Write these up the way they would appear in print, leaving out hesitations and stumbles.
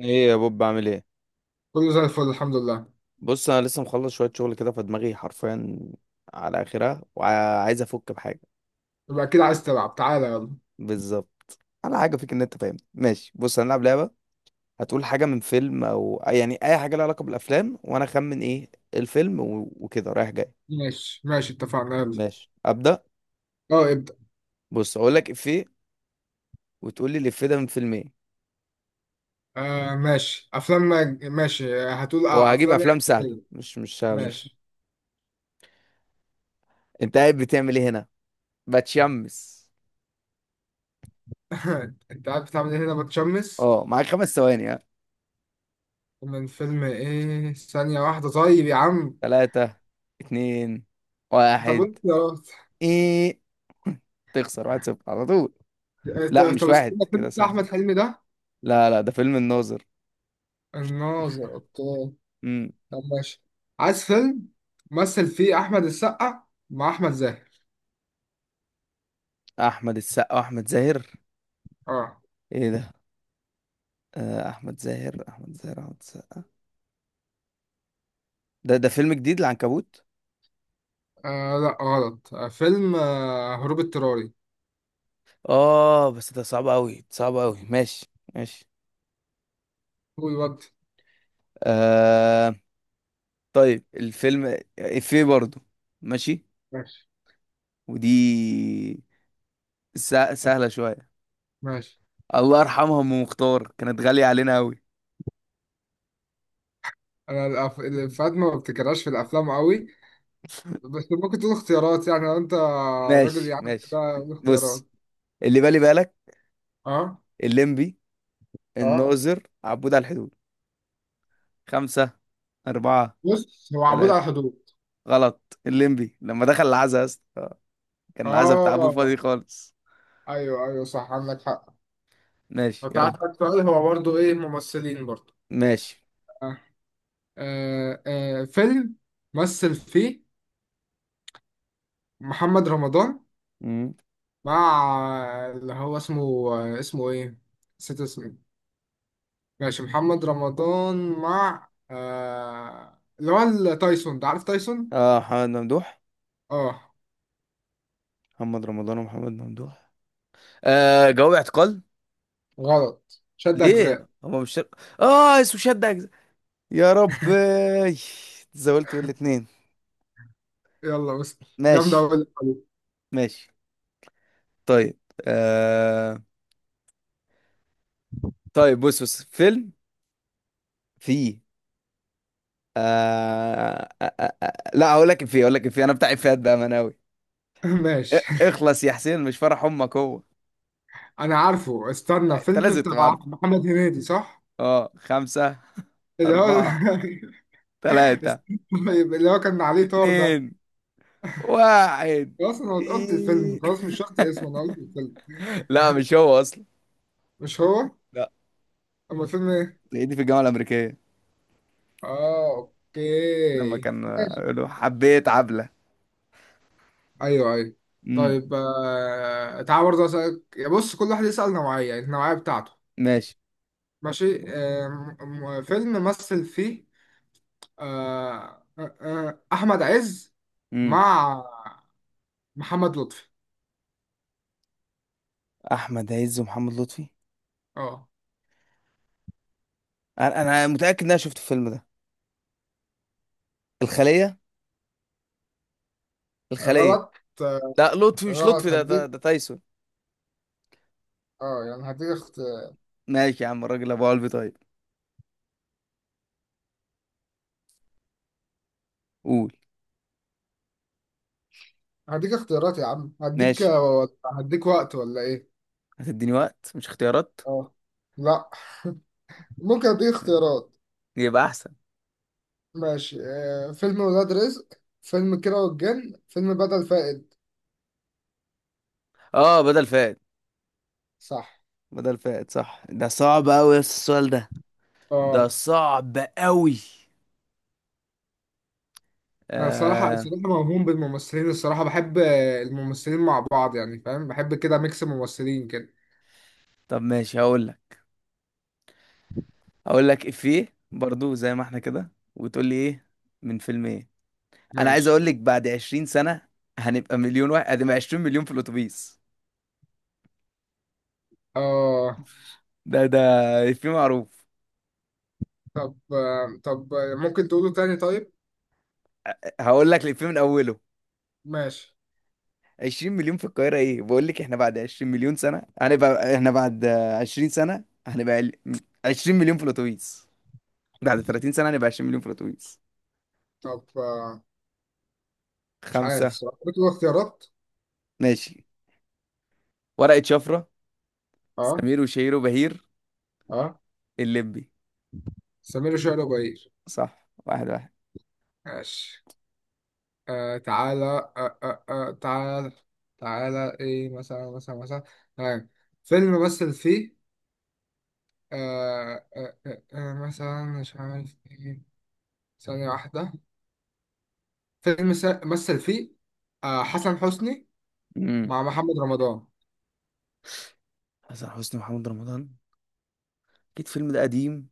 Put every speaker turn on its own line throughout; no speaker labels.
ايه يا بوب، بعمل ايه؟
كله زي الفل، الحمد لله.
بص، انا لسه مخلص شويه شغل كده فدماغي حرفيا على اخرها، وعايز افك بحاجه.
يبقى أكيد عايز تلعب، تعالى يلا.
بالظبط. على حاجه فيك ان انت فاهم، ماشي؟ بص هنلعب لعبه. هتقول حاجه من فيلم او يعني اي حاجه لها علاقه بالافلام، وانا اخمن ايه الفيلم، وكده رايح جاي.
ماشي ماشي، اتفقنا. يلا
ماشي، ابدا.
اه ابدأ.
بص، اقول لك افيه. وتقول لي الافيه ده من فيلم ايه.
آه ماشي، أفلام. ماشي، هتقول آه
وهجيب
أفلام
افلام
يعني.
سهله،
إيه؟
مش.
ماشي.
انت قاعد بتعمل ايه هنا، بتشمس؟
أنت عارف بتعمل إيه هنا؟ بتشمس.
اه، معاك خمس ثواني، ها.
من فيلم إيه؟ ثانية واحدة طيب يا عم.
ثلاثة. اتنين.
طب
واحد.
أنت؟
ايه. تخسر واحد صفر على طول. لا،
طب
مش
طب
واحد
استنى، فيلم
كده،
بتاع
صفر صفر.
أحمد حلمي ده؟
لا لا، ده فيلم الناظر.
الناظر، أوكي.
امم.
طب ماشي. عايز فيلم مثل فيه أحمد السقا مع أحمد زاهر.
احمد السقا، احمد زاهر.
اه.
ايه ده؟ آه، احمد زاهر، احمد زاهر، احمد السقا. ده فيلم جديد، العنكبوت.
لا غلط، فيلم هروب اضطراري.
اه بس ده صعب قوي صعب قوي، ماشي ماشي.
قول وقت.
آه. طيب، الفيلم افيه برضو. ماشي.
ماشي
ودي سهلة شوية.
ماشي.
الله يرحمها، ام مختار كانت غالية علينا قوي.
انا الافيهات ما بفتكرهاش في الافلام قوي، بس ممكن تقول اختيارات يعني، لو انت راجل
ماشي
يعني
ماشي.
كده قول اختيارات.
بص. اللي بالي بالك.
اه
الليمبي.
اه.
الناظر، عبود على الحدود. خمسة. أربعة.
بص، هو عبود على
ثلاثة.
الحدود.
غلط، الليمبي لما دخل العزا يا اسطى، كان العزا بتاع أبوه فاضي
اه.
خالص.
ايوه، صح عندك حق.
ماشي،
لو
يلا.
تعرف السؤال هو برضه ايه؟ ممثلين برضه.
ماشي.
آه. فيلم مثل فيه محمد رمضان
مم.
مع اللي هو اسمه، اسمه ايه؟ نسيت اسمه. ماشي، محمد رمضان مع اللي هو تايسون، ده عارف تايسون؟
اه، محمد ممدوح.
اه
محمد رمضان ومحمد ممدوح. آه، جواب اعتقال.
غلط، شد
ليه؟
أجزاء.
هما مش. اه، اسمه شد أجزاء. يا رب. تزولت بالاتنين.
يلا بس، جامدة
ماشي
أوي اللعبة دي.
ماشي. طيب، آه... طيب، بص بص فيلم. فيه. لا، هقول لك إفيه، هقول لك إفيه، أنا بتاع إفيهات بأمانة أوي.
ماشي
اخلص يا حسين، مش فرح أمك هو.
أنا عارفه، استنى،
أنت
فيلم
لازم تبقى
بتاع
عارف.
محمد هنيدي صح؟
أه، خمسة
اللي هو
أربعة. ثلاثة.
استنى، طيب، اللي هو كان عليه طار ده.
اتنين. واحد
خلاص أنا قلت الفيلم،
إيه.
خلاص مش شرط اسمه، أنا قلت الفيلم.
لا، مش هو أصلا.
مش هو؟
لا.
أما الفيلم إيه؟
هي دي في الجامعة الأمريكية.
آه
لما
أوكي
كان
ماشي.
يقولوا حبيت عبلة.
ايوه ايوه.
امم.
طيب تعال برضه اسالك. بص، كل واحد يسال نوعيه، يعني النوعيه بتاعته.
ماشي.
ماشي فيلم مثل فيه، آه احمد عز
امم.
مع محمد لطفي.
أحمد عز ومحمد لطفي.
اه
أنا متأكد إن أنا شفت الفيلم ده. الخلية. الخلية.
غلط. آه
لا، لطفي مش لطفي،
غلط هديك.
ده تايسون.
اه يعني هديك
ماشي يا عم، الراجل ابو قلبي طيب. قول.
هديك اختيارات يا عم، هديك
ماشي.
هديك وقت ولا ايه؟
هتديني وقت مش اختيارات؟
اه لا، ممكن اديك اختيارات.
يبقى احسن.
ماشي، فيلم ولاد رزق، فيلم كيرة والجن، فيلم بدل فائد.
اه، بدل فائد.
صح
بدل فائد صح. ده صعب قوي السؤال ده.
اه.
ده صعب قوي.
انا صراحة
آه...
صراحة موهوم بالممثلين، الصراحة بحب الممثلين مع بعض، يعني فاهم بحب كده ميكس ممثلين كده.
طب ماشي، هقول لك. هقول لك افيه برضو، زي ما احنا كده، وتقول لي ايه. من فيلم ايه. انا عايز
ماشي
اقول لك، بعد 20 سنة هنبقى مليون واحد ادي 20 مليون في الاتوبيس.
اه.
ده افيه معروف.
طب، ممكن تقوله تاني طيب؟
هقول لك الافيه من اوله.
ماشي.
20 مليون في القاهرة، ايه بقول لك، احنا بعد 20 مليون سنة هنبقى، احنا بعد 20 سنة هنبقى 20 مليون في الاتوبيس. بعد 30 سنة هنبقى 20 مليون في الاتوبيس.
طب آه، مش عارف
خمسة.
صراحة، بتقول اختيارات؟
ماشي. ورقة شفرة.
اه
سمير وشهير وبهير.
اه.
الليمبي.
سمير وشهير وبهير.
صح، واحد واحد.
ماشي، تعالى تعالى، تعالى ايه مثلا مثلا مثلا. آه. فيلم مثل فيه مثلا، مش عارف ايه. ثانية واحدة، فيلم مثل فيه حسن حسني
امم.
مع محمد رمضان.
حسن حسني ومحمد رمضان. اكيد الفيلم ده قديم.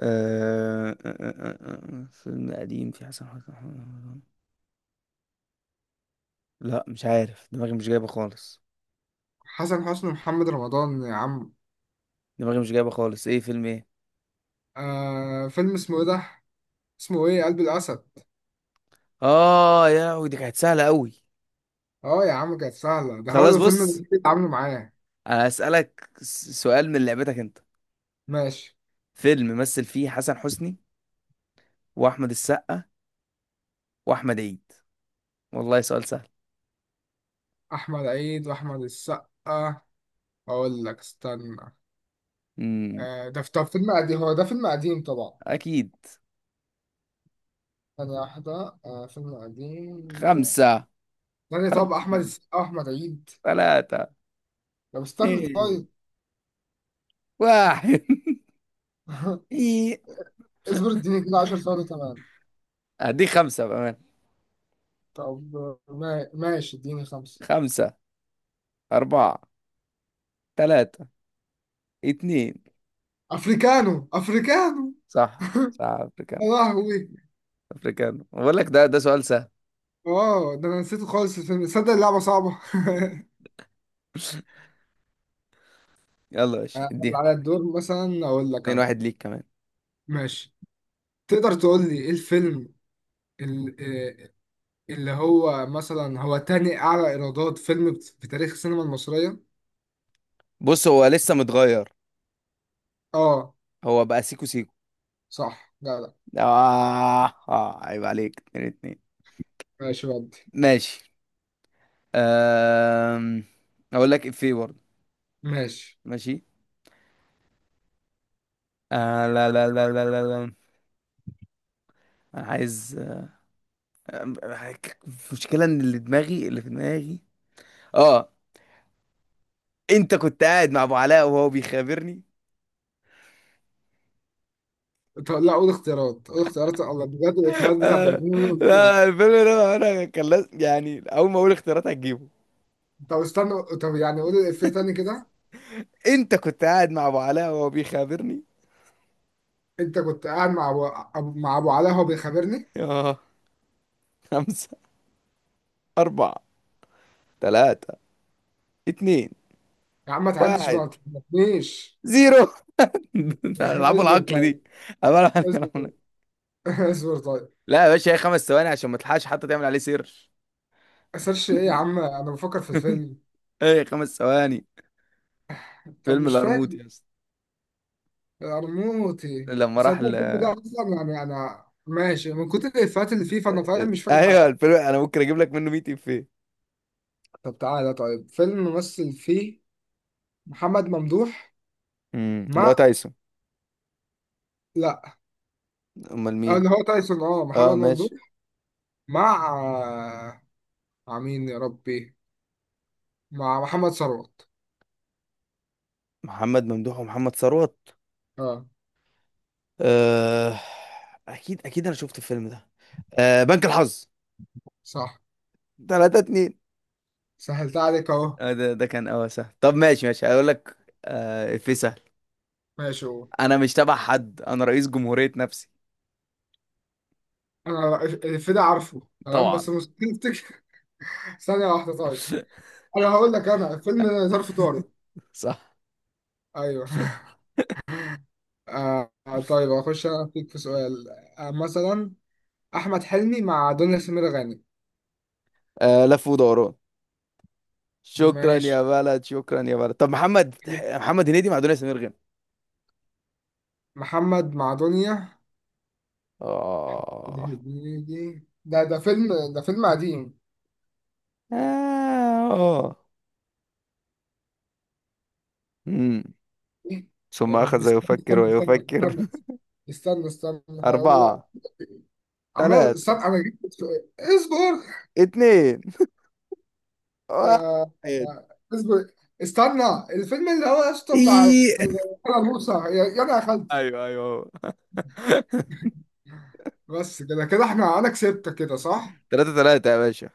أه... أه... أه... أه... أه، فيلم قديم في حسن حسني ومحمد رمضان. لا، مش عارف، دماغي مش جايبة خالص.
حسن حسني ومحمد رمضان يا عم.
دماغي مش جايبة خالص، ايه فيلم ايه.
فيلم اسمه ايه ده؟ اسمه ايه؟ قلب الاسد.
اه يا لهوي، دي كانت سهلة قوي.
اه يا عم كانت سهله، ده هو
خلاص،
الفيلم اللي
بص.
كنت اتعاملوا معاه.
هسألك سؤال من لعبتك انت.
ماشي،
فيلم مثل فيه حسن حسني واحمد السقا واحمد عيد. والله سؤال سهل.
احمد عيد واحمد السقا. اقول لك استنى.
امم.
ده في، طب فيلم قديم، هو ده فيلم قديم طبعا.
اكيد.
ثانية واحدة، فيلم قديم.
خمسة.
ثانية،
أربعة.
طب أحمد السقا وأحمد عيد.
ثلاثة.
طب استنى طيب.
اثنين. واحد إيه.
اصبر اديني كده 10 ثواني كمان.
هديك خمسة بأمان.
طب ماشي اديني خمسة.
خمسة. أربعة. ثلاثة. اثنين.
افريكانو افريكانو.
صح. صح،
يا
أفريكان.
لهوي.
أفريكان بقول لك، ده سؤال سهل.
اه ده انا نسيته خالص الفيلم، تصدق اللعبة صعبة.
يلا يا باشا،
هل
اديها.
على الدور مثلا اقول لك
اتنين،
انا؟
واحد ليك كمان.
ماشي، تقدر تقول لي ايه الفيلم، ال- آه، اللي هو مثلا هو تاني اعلى ايرادات فيلم في تاريخ السينما المصرية؟
بص، هو لسه متغير.
اه
هو بقى سيكو سيكو.
صح. لا لا.
عيب عليك، اتنين اتنين.
ماشي ودي.
ماشي. أم... أقول لك إفيه برضه.
ماشي.
ماشي. آه، لا لا لا لا لا لا. أنا عايز أم- المشكلة إن اللي في دماغي. آه. أنت كنت قاعد مع أبو علاء وهو بيخابرني.
طب لا، قول اختيارات، قول اختيارات، الله بجد الافيهات بتاعت
آه.
الافلام اللي
لا، الفيلم ده أنا كان يعني أول ما أقول اختيارات هتجيبه.
طب استنى، طب يعني قول الافيه تاني كده.
أنت كنت قاعد مع أبو علاء وهو بيخابرني.
انت كنت قاعد مع مع ابو علاء وهو بيخابرني.
آه. خمسة. أربعة. تلاتة. اتنين.
يا عم ما تعديش بقى،
واحد.
ما تخبطنيش.
زيرو. العبوا
اصبر
العقل
طيب.
دي، عبارة عن كلام
اصبر.
ناقص.
اصبر طيب.
لا يا باشا، هي خمس ثواني عشان ما تلحقش حتى تعمل عليه سيرش.
اسيرش ايه يا عم، انا بفكر في الفيلم.
ايه، خمس ثواني.
طب
فيلم
مش فاكر
القرموط يا اسطى.
ارموتي،
لما راح
صدق
ل...
الفيلم ده اصلا، يعني انا ماشي من كتر الافيهات اللي فيه، فانا فاهم، مش فاكر
ايوه
حاجه.
الفيلم انا ممكن اجيب لك منه 100 افيه.
طب تعالى طيب، فيلم ممثل فيه محمد ممدوح
امم، اللي هو
مع.
تايسون.
لا،
امال مين؟
اللي هو تايسون اه
اه،
محمد ممدوح.
ماشي.
مع مين يا ربي، مع محمد ثروت.
محمد ممدوح ومحمد ثروت.
اه
آه... اكيد اكيد، انا شفت الفيلم ده. بنك الحظ،
صح،
3-2.
سهلتها عليك اهو.
ده كان اه سهل. طب، ماشي ماشي، هقول لك. افيه سهل.
ماشي هو.
انا مش تبع حد، انا رئيس جمهورية نفسي.
انا الفيلم ده عارفه تمام،
طبعا.
بس مستحيل افتكر. ثانية واحدة طيب. انا هقول لك، انا فيلم ظرف طارق.
صح.
ايوه. طيب اخش انا فيك في سؤال. مثلا احمد حلمي مع دنيا سمير غانم.
آه، لف ودوران. شكرا يا
ماشي،
بلد، شكرا يا بلد. طب محمد، محمد هنيدي مع دنيا سمير غانم.
محمد مع دنيا.
اه.
ده فيلم، ده فيلم قديم.
اه. امم.
إيه؟
ثم
يا رب
أخذ
استنى
يفكر
استنى استنى
ويفكر.
استنى استنى استنى هقوله.
أربعة.
عمال
ثلاثة.
استنى، انا جبت السؤال. اصبر.
اتنين. واحد.
آه،
إيه.
آه، اصبر استنى. الفيلم اللي هو يا اسطى بتاع موسى، يا انا يا خالتي.
أيوه أيوه.
بس كده كده احنا، انا كسبت كده صح؟
ثلاثة ثلاثة يا باشا.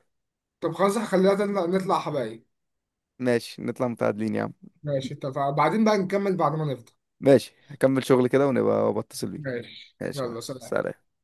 طب خلاص، خلينا نطلع نطلع حبايب.
ماشي، نطلع متعادلين يا عم.
ماشي اتفقنا، بعدين بقى نكمل بعد ما نفضى.
ماشي، هكمل شغل كده ونبقى بتصل بيك.
ماشي
ماشي.
يلا سلام.
سلام.